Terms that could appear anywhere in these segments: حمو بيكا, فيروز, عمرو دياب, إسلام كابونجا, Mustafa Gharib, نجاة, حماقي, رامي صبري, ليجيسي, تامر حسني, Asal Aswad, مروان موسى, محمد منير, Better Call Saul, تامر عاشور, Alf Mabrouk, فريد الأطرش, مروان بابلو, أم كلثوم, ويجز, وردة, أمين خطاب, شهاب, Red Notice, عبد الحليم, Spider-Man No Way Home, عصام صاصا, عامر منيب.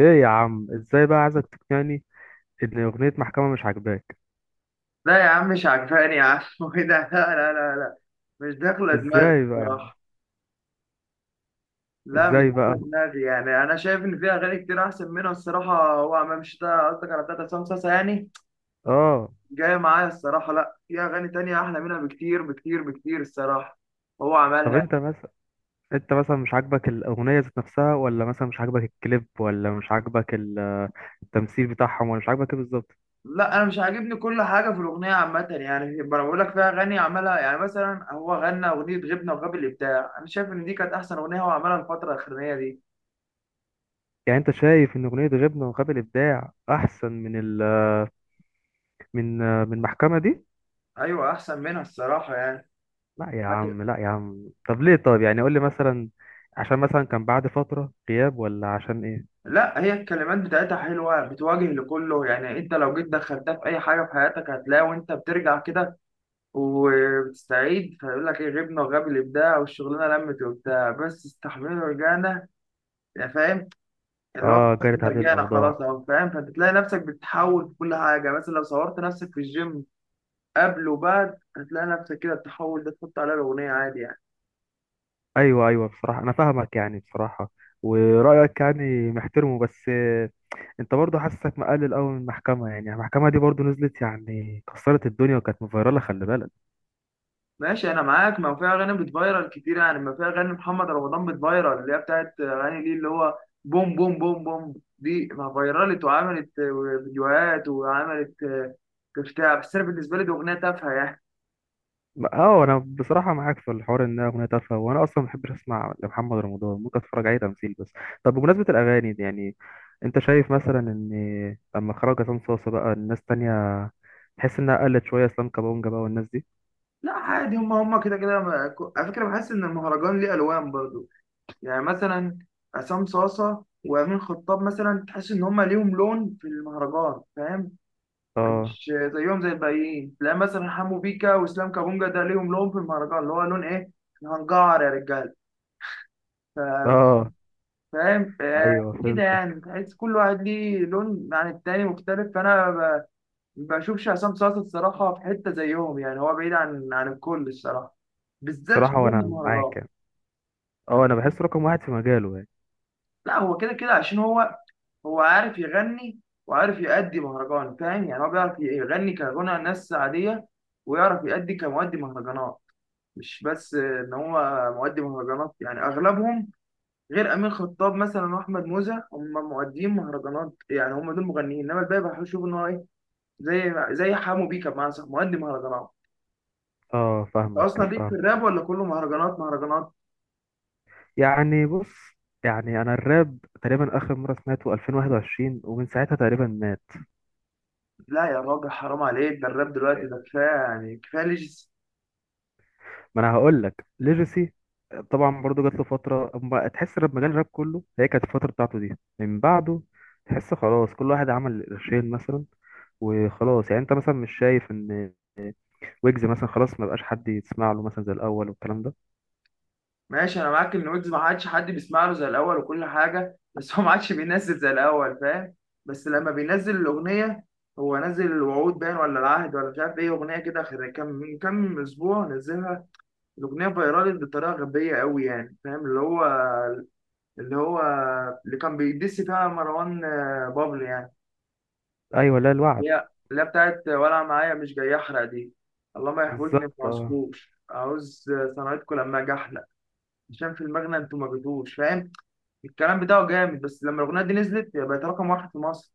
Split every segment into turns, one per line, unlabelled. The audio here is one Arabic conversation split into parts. ايه يا عم، ازاي بقى عايزك تقنعني ان اغنية محكمة مش عاجباك؟
لا يا عم مش عجباني يا عم وايه ده؟ لا لا لا لا، مش داخله دماغي
ازاي بقى يا عم؟
الصراحه. لا مش
ازاي
داخله
بقى؟
دماغي، يعني انا شايف ان في اغاني كتير احسن منها الصراحه. هو عمام شتا قصدك، على بتاعت عصام صاصا يعني
اه.
جايه معايا الصراحه. لا في اغاني تانية احلى منها بكتير بكتير بكتير الصراحه، هو عملها
طب
يعني.
انت مثلا، انت مثلا مش عاجبك الاغنية ذات نفسها، ولا مثلا مش عاجبك الكليب، ولا مش عاجبك التمثيل بتاعهم، ولا مش عاجبك ايه بالظبط؟
لا انا مش عاجبني كل حاجه في الاغنيه عامه، يعني انا بقول لك في اغاني عملها، يعني مثلا هو غنى اغنيه غبنا وغاب الابداع، انا شايف ان دي كانت احسن اغنيه هو عملها الفتره الاخرانيه دي.
يعني انت شايف ان اغنية غبنة وغاب الابداع احسن من ال من من المحكمة دي؟
ايوه احسن منها الصراحه يعني.
لا يا عم، لا يا عم. طب ليه؟ طب يعني قول لي مثلا، عشان مثلا كان بعد فترة غياب ولا عشان ايه؟
لا هي الكلمات بتاعتها حلوة بتواجه لكله، يعني انت لو جيت دخلتها في اي حاجة في حياتك هتلاقي وانت بترجع كده وبتستعيد، فيقول لك ايه؟ غبنا وغاب الابداع والشغلانة لمت وبتاع، بس استحملنا ورجعنا، يعني فاهم؟ اللي هو
اه،
بس
جرت هذه
رجعنا
الاوضاع.
خلاص اهو فاهم، فبتلاقي نفسك بتتحول في كل حاجة، مثلا لو صورت نفسك في الجيم قبل وبعد، هتلاقي نفسك كده التحول ده تحط عليه الأغنية عادي يعني.
ايوه ايوه، بصراحه انا فاهمك يعني، بصراحه ورايك يعني محترمه، بس انت برضه حاسسك مقلل قوي من المحكمه. يعني المحكمه دي برضه نزلت يعني كسرت الدنيا وكانت مفيرله، خلي بالك.
ماشي انا معاك، ما هو في اغاني بتفايرل كتير، يعني ما في اغاني محمد رمضان بتفايرل اللي هي بتاعت اغاني ليه، اللي هو بوم بوم بوم بوم، دي ما فايرلت وعملت فيديوهات وعملت بتاع، بس انا بالنسبه لي دي اغنيه تافهه يعني.
اه، انا بصراحه معاك في الحوار انها اغنيه تافهه، وانا اصلا ما بحبش اسمع لمحمد رمضان، ممكن اتفرج عليه تمثيل بس. طب بمناسبه الاغاني دي يعني، انت شايف مثلا ان لما خرج عصام صاصا بقى الناس تانية تحس انها قلت شويه؟ اسلام كابونجا بقى والناس دي.
لا عادي، هم هم كده كده على فكره بحس ان المهرجان ليه الوان برضو، يعني مثلا عصام صاصه وامين خطاب مثلا تحس ان هم ليهم لون في المهرجان، فاهم؟
اه.
مش زيهم زي الباقيين، تلاقي مثلا حمو بيكا واسلام كابونجا ده ليهم لون في المهرجان، اللي هو لون ايه؟ إحنا هنجعر يا رجاله. ف-
اه.
فاهم
ايوه
كده؟
فهمت.
يعني تحس كل واحد ليه لون عن التاني مختلف، بشوفش عصام صاصا الصراحه في حته زيهم، يعني هو بعيد عن الكل الصراحه، بالذات في
بصراحه
فن
وانا
المهرجان.
معاك يعني. اه، انا بحس رقم واحد في مجاله يعني.
لا هو كده كده عشان هو عارف يغني وعارف يأدي مهرجان، فاهم؟ يعني هو بيعرف يغني كغنى ناس عاديه، ويعرف يأدي كمؤدي مهرجانات، مش بس ان هو مؤدي مهرجانات، يعني اغلبهم غير امين خطاب مثلا واحمد موزة هم مؤديين مهرجانات، يعني هم دول مغنيين، انما الباقي بشوف ان هو ايه، زي حمو بيكا بمعنى صح مؤدي مهرجانات.
اه،
انت
فاهمك.
اصلا ليك في
فاهم.
الراب ولا كله مهرجانات مهرجانات؟
يعني بص، يعني انا الراب تقريبا اخر مره سمعته 2021، ومن ساعتها تقريبا مات.
لا يا راجل حرام عليك، ده الراب دلوقتي ده كفايه يعني، كفايه ليجي.
ما انا هقول لك ليجاسي. طبعا برضو جات له فتره اما تحس الراب، مجال الراب كله هي كانت الفتره بتاعته دي. من بعده تحس خلاص كل واحد عمل قرشين مثلا وخلاص. يعني انت مثلا مش شايف ان ويجز مثلا خلاص ما بقاش حد يسمع له مثلا زي الاول والكلام ده؟
ماشي انا معاك ان ويجز ما عادش حد بيسمع له زي الاول وكل حاجه، بس هو ما عادش بينزل زي الاول، فاهم؟ بس لما بينزل الاغنيه، هو نزل الوعود باين ولا العهد ولا مش عارف ايه اغنيه كده، كان من كام اسبوع نزلها. الاغنيه فايرالت بطريقه غبيه قوي، يعني فاهم؟ اللي هو اللي كان بيدس فيها مروان بابلو يعني.
ايوه، لا الوعد.
اللي هي بتاعت ولا معايا مش جاي احرق دي، الله ما يحوجني في
بالظبط، آه.
عصفور عاوز صنعتكم لما اجي احلق، عشان في المغنى انتوا ما جيتوش، فاهم؟ الكلام بتاعه جامد، بس لما الاغنيه دي نزلت هي بقت رقم واحد في مصر.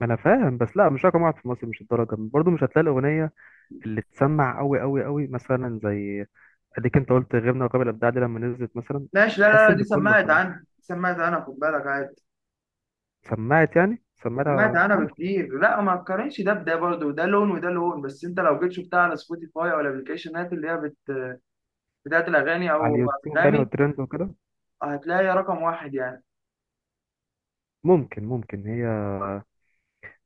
ما انا فاهم، بس لا مش رقم واحد في مصر، مش الدرجه، برضه مش هتلاقي الاغنيه اللي تسمع قوي قوي قوي، مثلا زي، اديك انت قلت غيرنا وقابل الابداع دي لما نزلت مثلا
ماشي، لا لا
تحس
لا دي
ان كله
سمعت
سمع.
عنها، دي سمعت عنها، خد بالك عادي،
سمعت يعني،
سمعت
سمعتها
عنها
ممكن
بكتير، لا ما تقارنش ده بده برضه، ده لون وده لون، بس انت لو جيت شفتها على سبوتيفاي او الابلكيشنات اللي هي بتاعت الاغاني
على
او
اليوتيوب يعني
انغامي،
والترند وكده.
هتلاقي رقم واحد يعني.
ممكن، ممكن هي،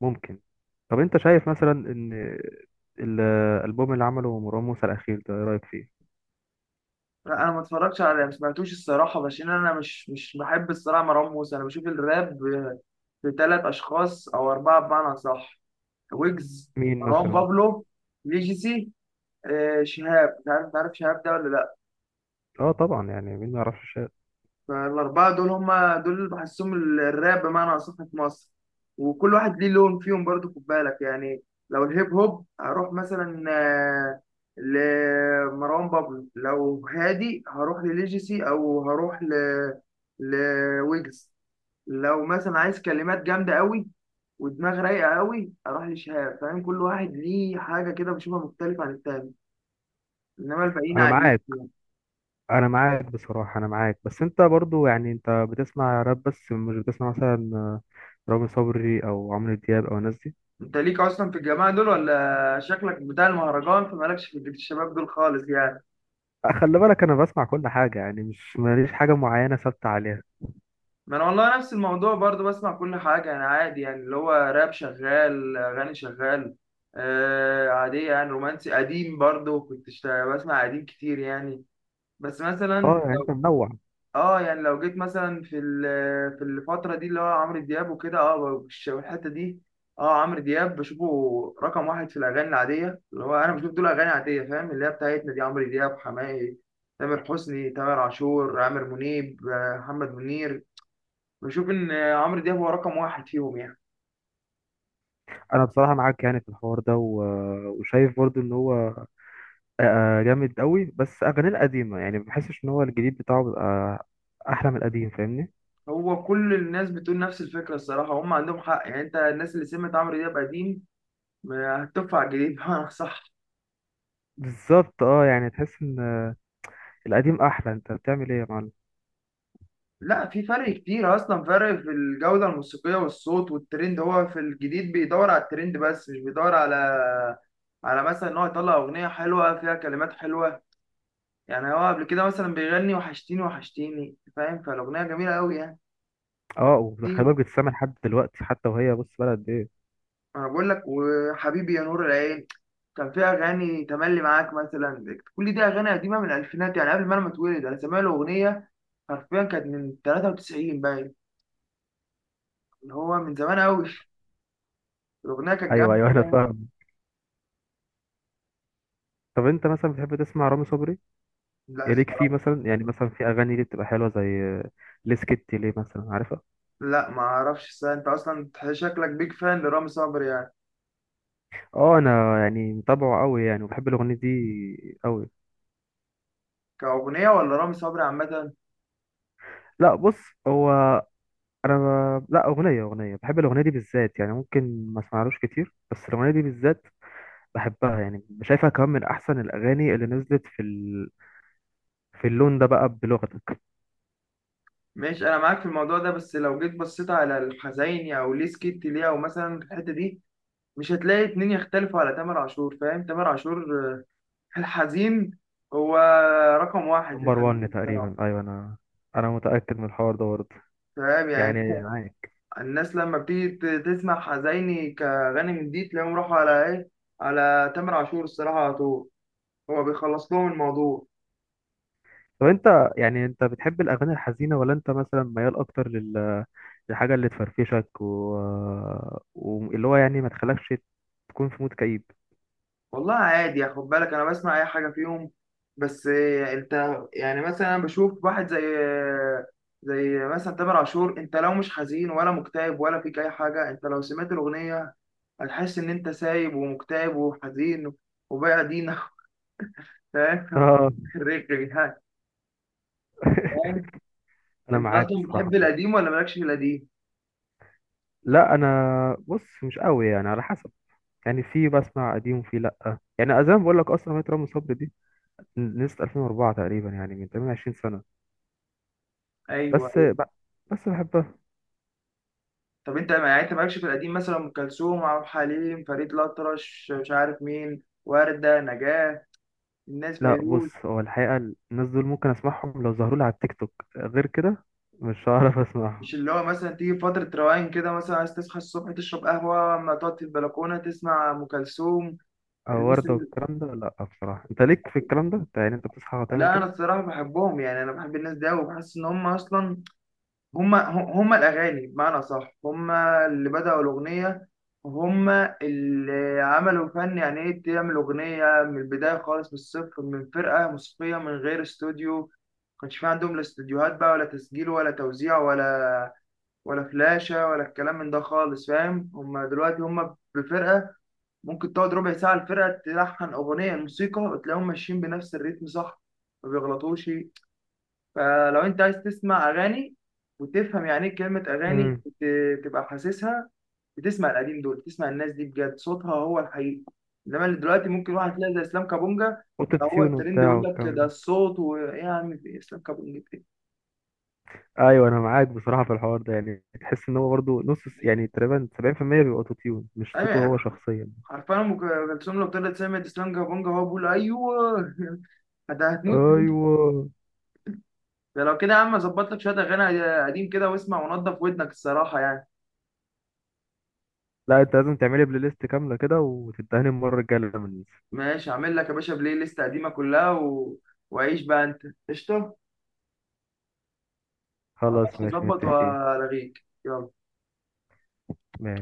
ممكن. طب انت شايف مثلا ان الالبوم اللي عمله مروان موسى الاخير ده، ايه رايك فيه؟
لا انا ما اتفرجتش، على ما سمعتوش الصراحه، عشان انا مش بحب الصراحه مروان موسى، انا بشوف الراب في ثلاث اشخاص او اربعه بمعنى صح، ويجز،
مين
مروان
مثلا؟
بابلو، ليجيسي، شهاب، مش عارف تعرف شهاب ده ولا لا.
اه طبعا، يعني مين ما يعرفش الشعر؟
فالاربعه دول هم دول اللي بحسهم الراب بمعنى اصح في مصر، وكل واحد ليه لون فيهم برضو خد بالك يعني. لو الهيب هوب هروح مثلا لمروان بابلو، لو هادي هروح لليجيسي، او هروح لويجز، لو مثلا عايز كلمات جامده قوي ودماغ رايقه قوي اروح لشهاب، فاهم؟ كل واحد ليه حاجه كده بشوفها مختلفه عن التاني، انما الباقيين
انا
عاديين
معاك،
يعني.
انا معاك بصراحه، انا معاك. بس انت برضو يعني انت بتسمع راب بس؟ مش بتسمع مثلا رامي صبري او عمرو دياب او الناس دي؟
انت ليك اصلا في الجماعه دول ولا شكلك بتاع المهرجان فمالكش في جيل الشباب دول خالص يعني؟
خلي بالك، انا بسمع كل حاجه يعني، مش ماليش حاجه معينه ثابته عليها.
ما انا والله نفس الموضوع برضو، بسمع كل حاجه انا عادي، يعني اللي هو راب شغال، اغاني شغال، آه عاديه، يعني رومانسي قديم برضو كنت بسمع قديم كتير يعني. بس
اه
مثلا،
يعني انت منوع.
اه يعني لو جيت مثلا في الفترة دي اللي هو عمرو دياب وكده، اه الحتة دي، اه عمرو دياب بشوفه رقم واحد في الأغاني العادية، اللي هو أنا بشوف دول أغاني عادية فاهم، اللي هي بتاعتنا دي، عمرو دياب، حماقي، تامر حسني، تامر عاشور، عامر منيب، محمد منير، بشوف إن عمرو دياب هو رقم واحد فيهم يعني.
انا بصراحه معاك يعني في الحوار ده، وشايف برضو ان هو جامد قوي، بس اغانيه القديمه. يعني ما بحسش ان هو الجديد بتاعه بيبقى احلى من القديم، فاهمني؟
هو كل الناس بتقول نفس الفكرة الصراحة، هم عندهم حق يعني، أنت الناس اللي سمعت عمرو دياب قديم هتطفى على الجديد صح؟
بالظبط، اه، يعني تحس ان القديم احلى. انت بتعمل ايه يا معلم؟
لا في فرق كتير اصلا، فرق في الجوده الموسيقيه والصوت والترند، هو في الجديد بيدور على الترند بس، مش بيدور على مثلا ان هو يطلع اغنيه حلوه فيها كلمات حلوه، يعني هو قبل كده مثلا بيغني وحشتيني وحشتيني، فاهم؟ فالاغنيه جميله قوي يعني.
اه، وخلي
ايه،
بالك بتسمع لحد دلوقتي حتى وهي بص بلد ايه.
انا بقول لك وحبيبي يا نور العين كان فيها، اغاني تملي معاك مثلا، كل دي اغاني قديمه من الالفينات يعني، قبل ما انا ما اتولد انا سامع له اغنيه حرفيا كانت من 93 باين، اللي هو من زمان قوي، الاغنيه كانت
ايوه
جامده.
ايوه، انا فاهم. طب انت مثلا بتحب تسمع رامي صبري؟
لا،
إيه ليك فيه مثلا؟ يعني مثلا في اغاني ليه بتبقى حلوه، زي ليه سكتي ليه مثلا، عارفها؟
لا ما اعرفش الصراحة. انت اصلا شكلك بيج فان لرامي صبري يعني؟
اه، انا يعني متابعه قوي يعني، وبحب الاغنيه دي قوي.
كأغنية ولا رامي صبري عامة؟
لا بص، هو انا لا اغنيه اغنيه، بحب الاغنيه دي بالذات يعني، ممكن ما اسمعلوش كتير بس الاغنيه دي بالذات بحبها يعني. شايفها كمان من احسن الاغاني اللي نزلت في اللون ده بقى، بلغتك.
ماشي انا معاك في الموضوع ده، بس لو جيت بصيت على الحزيني او ليه سكت ليه او مثلا الحتة دي، مش هتلاقي اتنين يختلفوا على تامر عاشور، فاهم؟ تامر عاشور في الحزين، هو رقم واحد في
نمبر
الحزين
1
الصراحة،
تقريبا، ايوه. انا متاكد من الحوار ده برضه،
فاهم يعني؟
يعني معاك.
الناس لما بتيجي تسمع حزيني كغني جديد، تلاقيهم راحوا على ايه؟ على تامر عاشور الصراحة على طول، هو بيخلص لهم الموضوع.
طب انت يعني انت بتحب الاغاني الحزينه، ولا انت مثلا ميال اكتر للحاجه اللي تفرفشك واللي هو يعني ما تخلكش تكون في مود كئيب؟
والله عادي خد بالك، انا بسمع اي حاجه فيهم، بس انت يعني مثلا، انا بشوف واحد زي مثلا تامر عاشور، انت لو مش حزين ولا مكتئب ولا فيك اي حاجه، انت لو سمعت الاغنيه هتحس ان انت سايب ومكتئب وحزين وبايع دينك، فاهم؟
اه.
رغي يعني. فاهم؟
انا
انت
معاك،
اصلا
بصراحه
بتحب القديم
معاك.
ولا مالكش في القديم؟
لا انا بص، مش قوي يعني، على حسب. يعني في بسمع قديم وفي لا، يعني زي ما بقول لك اصلا اغنيه رامي صبري دي نزلت 2004 تقريبا، يعني من 28 سنه،
ايوه
بس
أيوة.
ب... بس بحبها.
طب انت يعني انت مالكش في القديم؟ مثلا ام كلثوم، عبد الحليم، فريد الأطرش، مش عارف مين، وردة، نجاة، الناس،
لا
فيروز،
بص، هو الحقيقه الناس دول ممكن اسمعهم لو ظهروا لي على التيك توك، غير كده مش هعرف اسمعهم.
مش اللي هو مثلا تيجي فترة روقان كده، مثلا عايز تصحى الصبح تشرب قهوة، أما تقعد في البلكونة تسمع أم كلثوم؟
او
الناس
وردة
ال...
والكلام ده؟ لا بصراحة انت ليك في الكلام ده، انت يعني انت بتصحى وتعمل
لا أنا
كده؟
الصراحة بحبهم يعني، أنا بحب الناس دي وبحس إن هم أصلا هم هم الأغاني بمعنى صح، هم اللي بدأوا الأغنية، هم اللي عملوا فن، يعني إيه تعمل أغنية من البداية خالص من الصفر؟ من فرقة موسيقية، من غير استوديو، ما كانش في عندهم لا استوديوهات بقى ولا تسجيل ولا توزيع ولا فلاشة ولا الكلام من ده خالص، فاهم؟ هما دلوقتي هما بفرقة ممكن تقعد ربع ساعة الفرقة تلحن أغنية الموسيقى، وتلاقيهم ماشيين بنفس الريتم، صح؟ ما بيغلطوش. فلو أنت عايز تسمع أغاني وتفهم يعني إيه كلمة أغاني،
امم
تبقى حاسسها، بتسمع القديم دول، تسمع الناس دي بجد صوتها هو الحقيقي، إنما اللي دلوقتي ممكن واحد تلاقي زي إسلام كابونجا، ما هو
اوتوتيون
الترند
وبتاع
يقول لك
والكلام
ده
ده.
الصوت ويعني إسلام كابونجا إيه؟
ايوه، انا معاك بصراحة في الحوار ده، يعني تحس ان هو برضه نص، يعني تقريبا 70% بيبقى اوتوتيون، مش صوته
أيوة،
هو شخصيا.
عارفة ام كلثوم لو طلعت سمعت اسلام كابونجا هو بقول ايوه؟ انت هتموت.
ايوه.
ده لو كده يا عم اظبط لك شويه اغاني قديم كده واسمع ونضف ودنك الصراحه يعني.
لا انت لازم تعملي بلاي ليست كاملة كده وتدهني المرة الجاية لما ننزل.
ماشي هعمل لك يا باشا بلاي ليست قديمه كلها وعيش بقى انت، قشطه.
خلاص
خلاص
ماشي،
هظبط
متفقين.
والغيك يلا.
ماشي.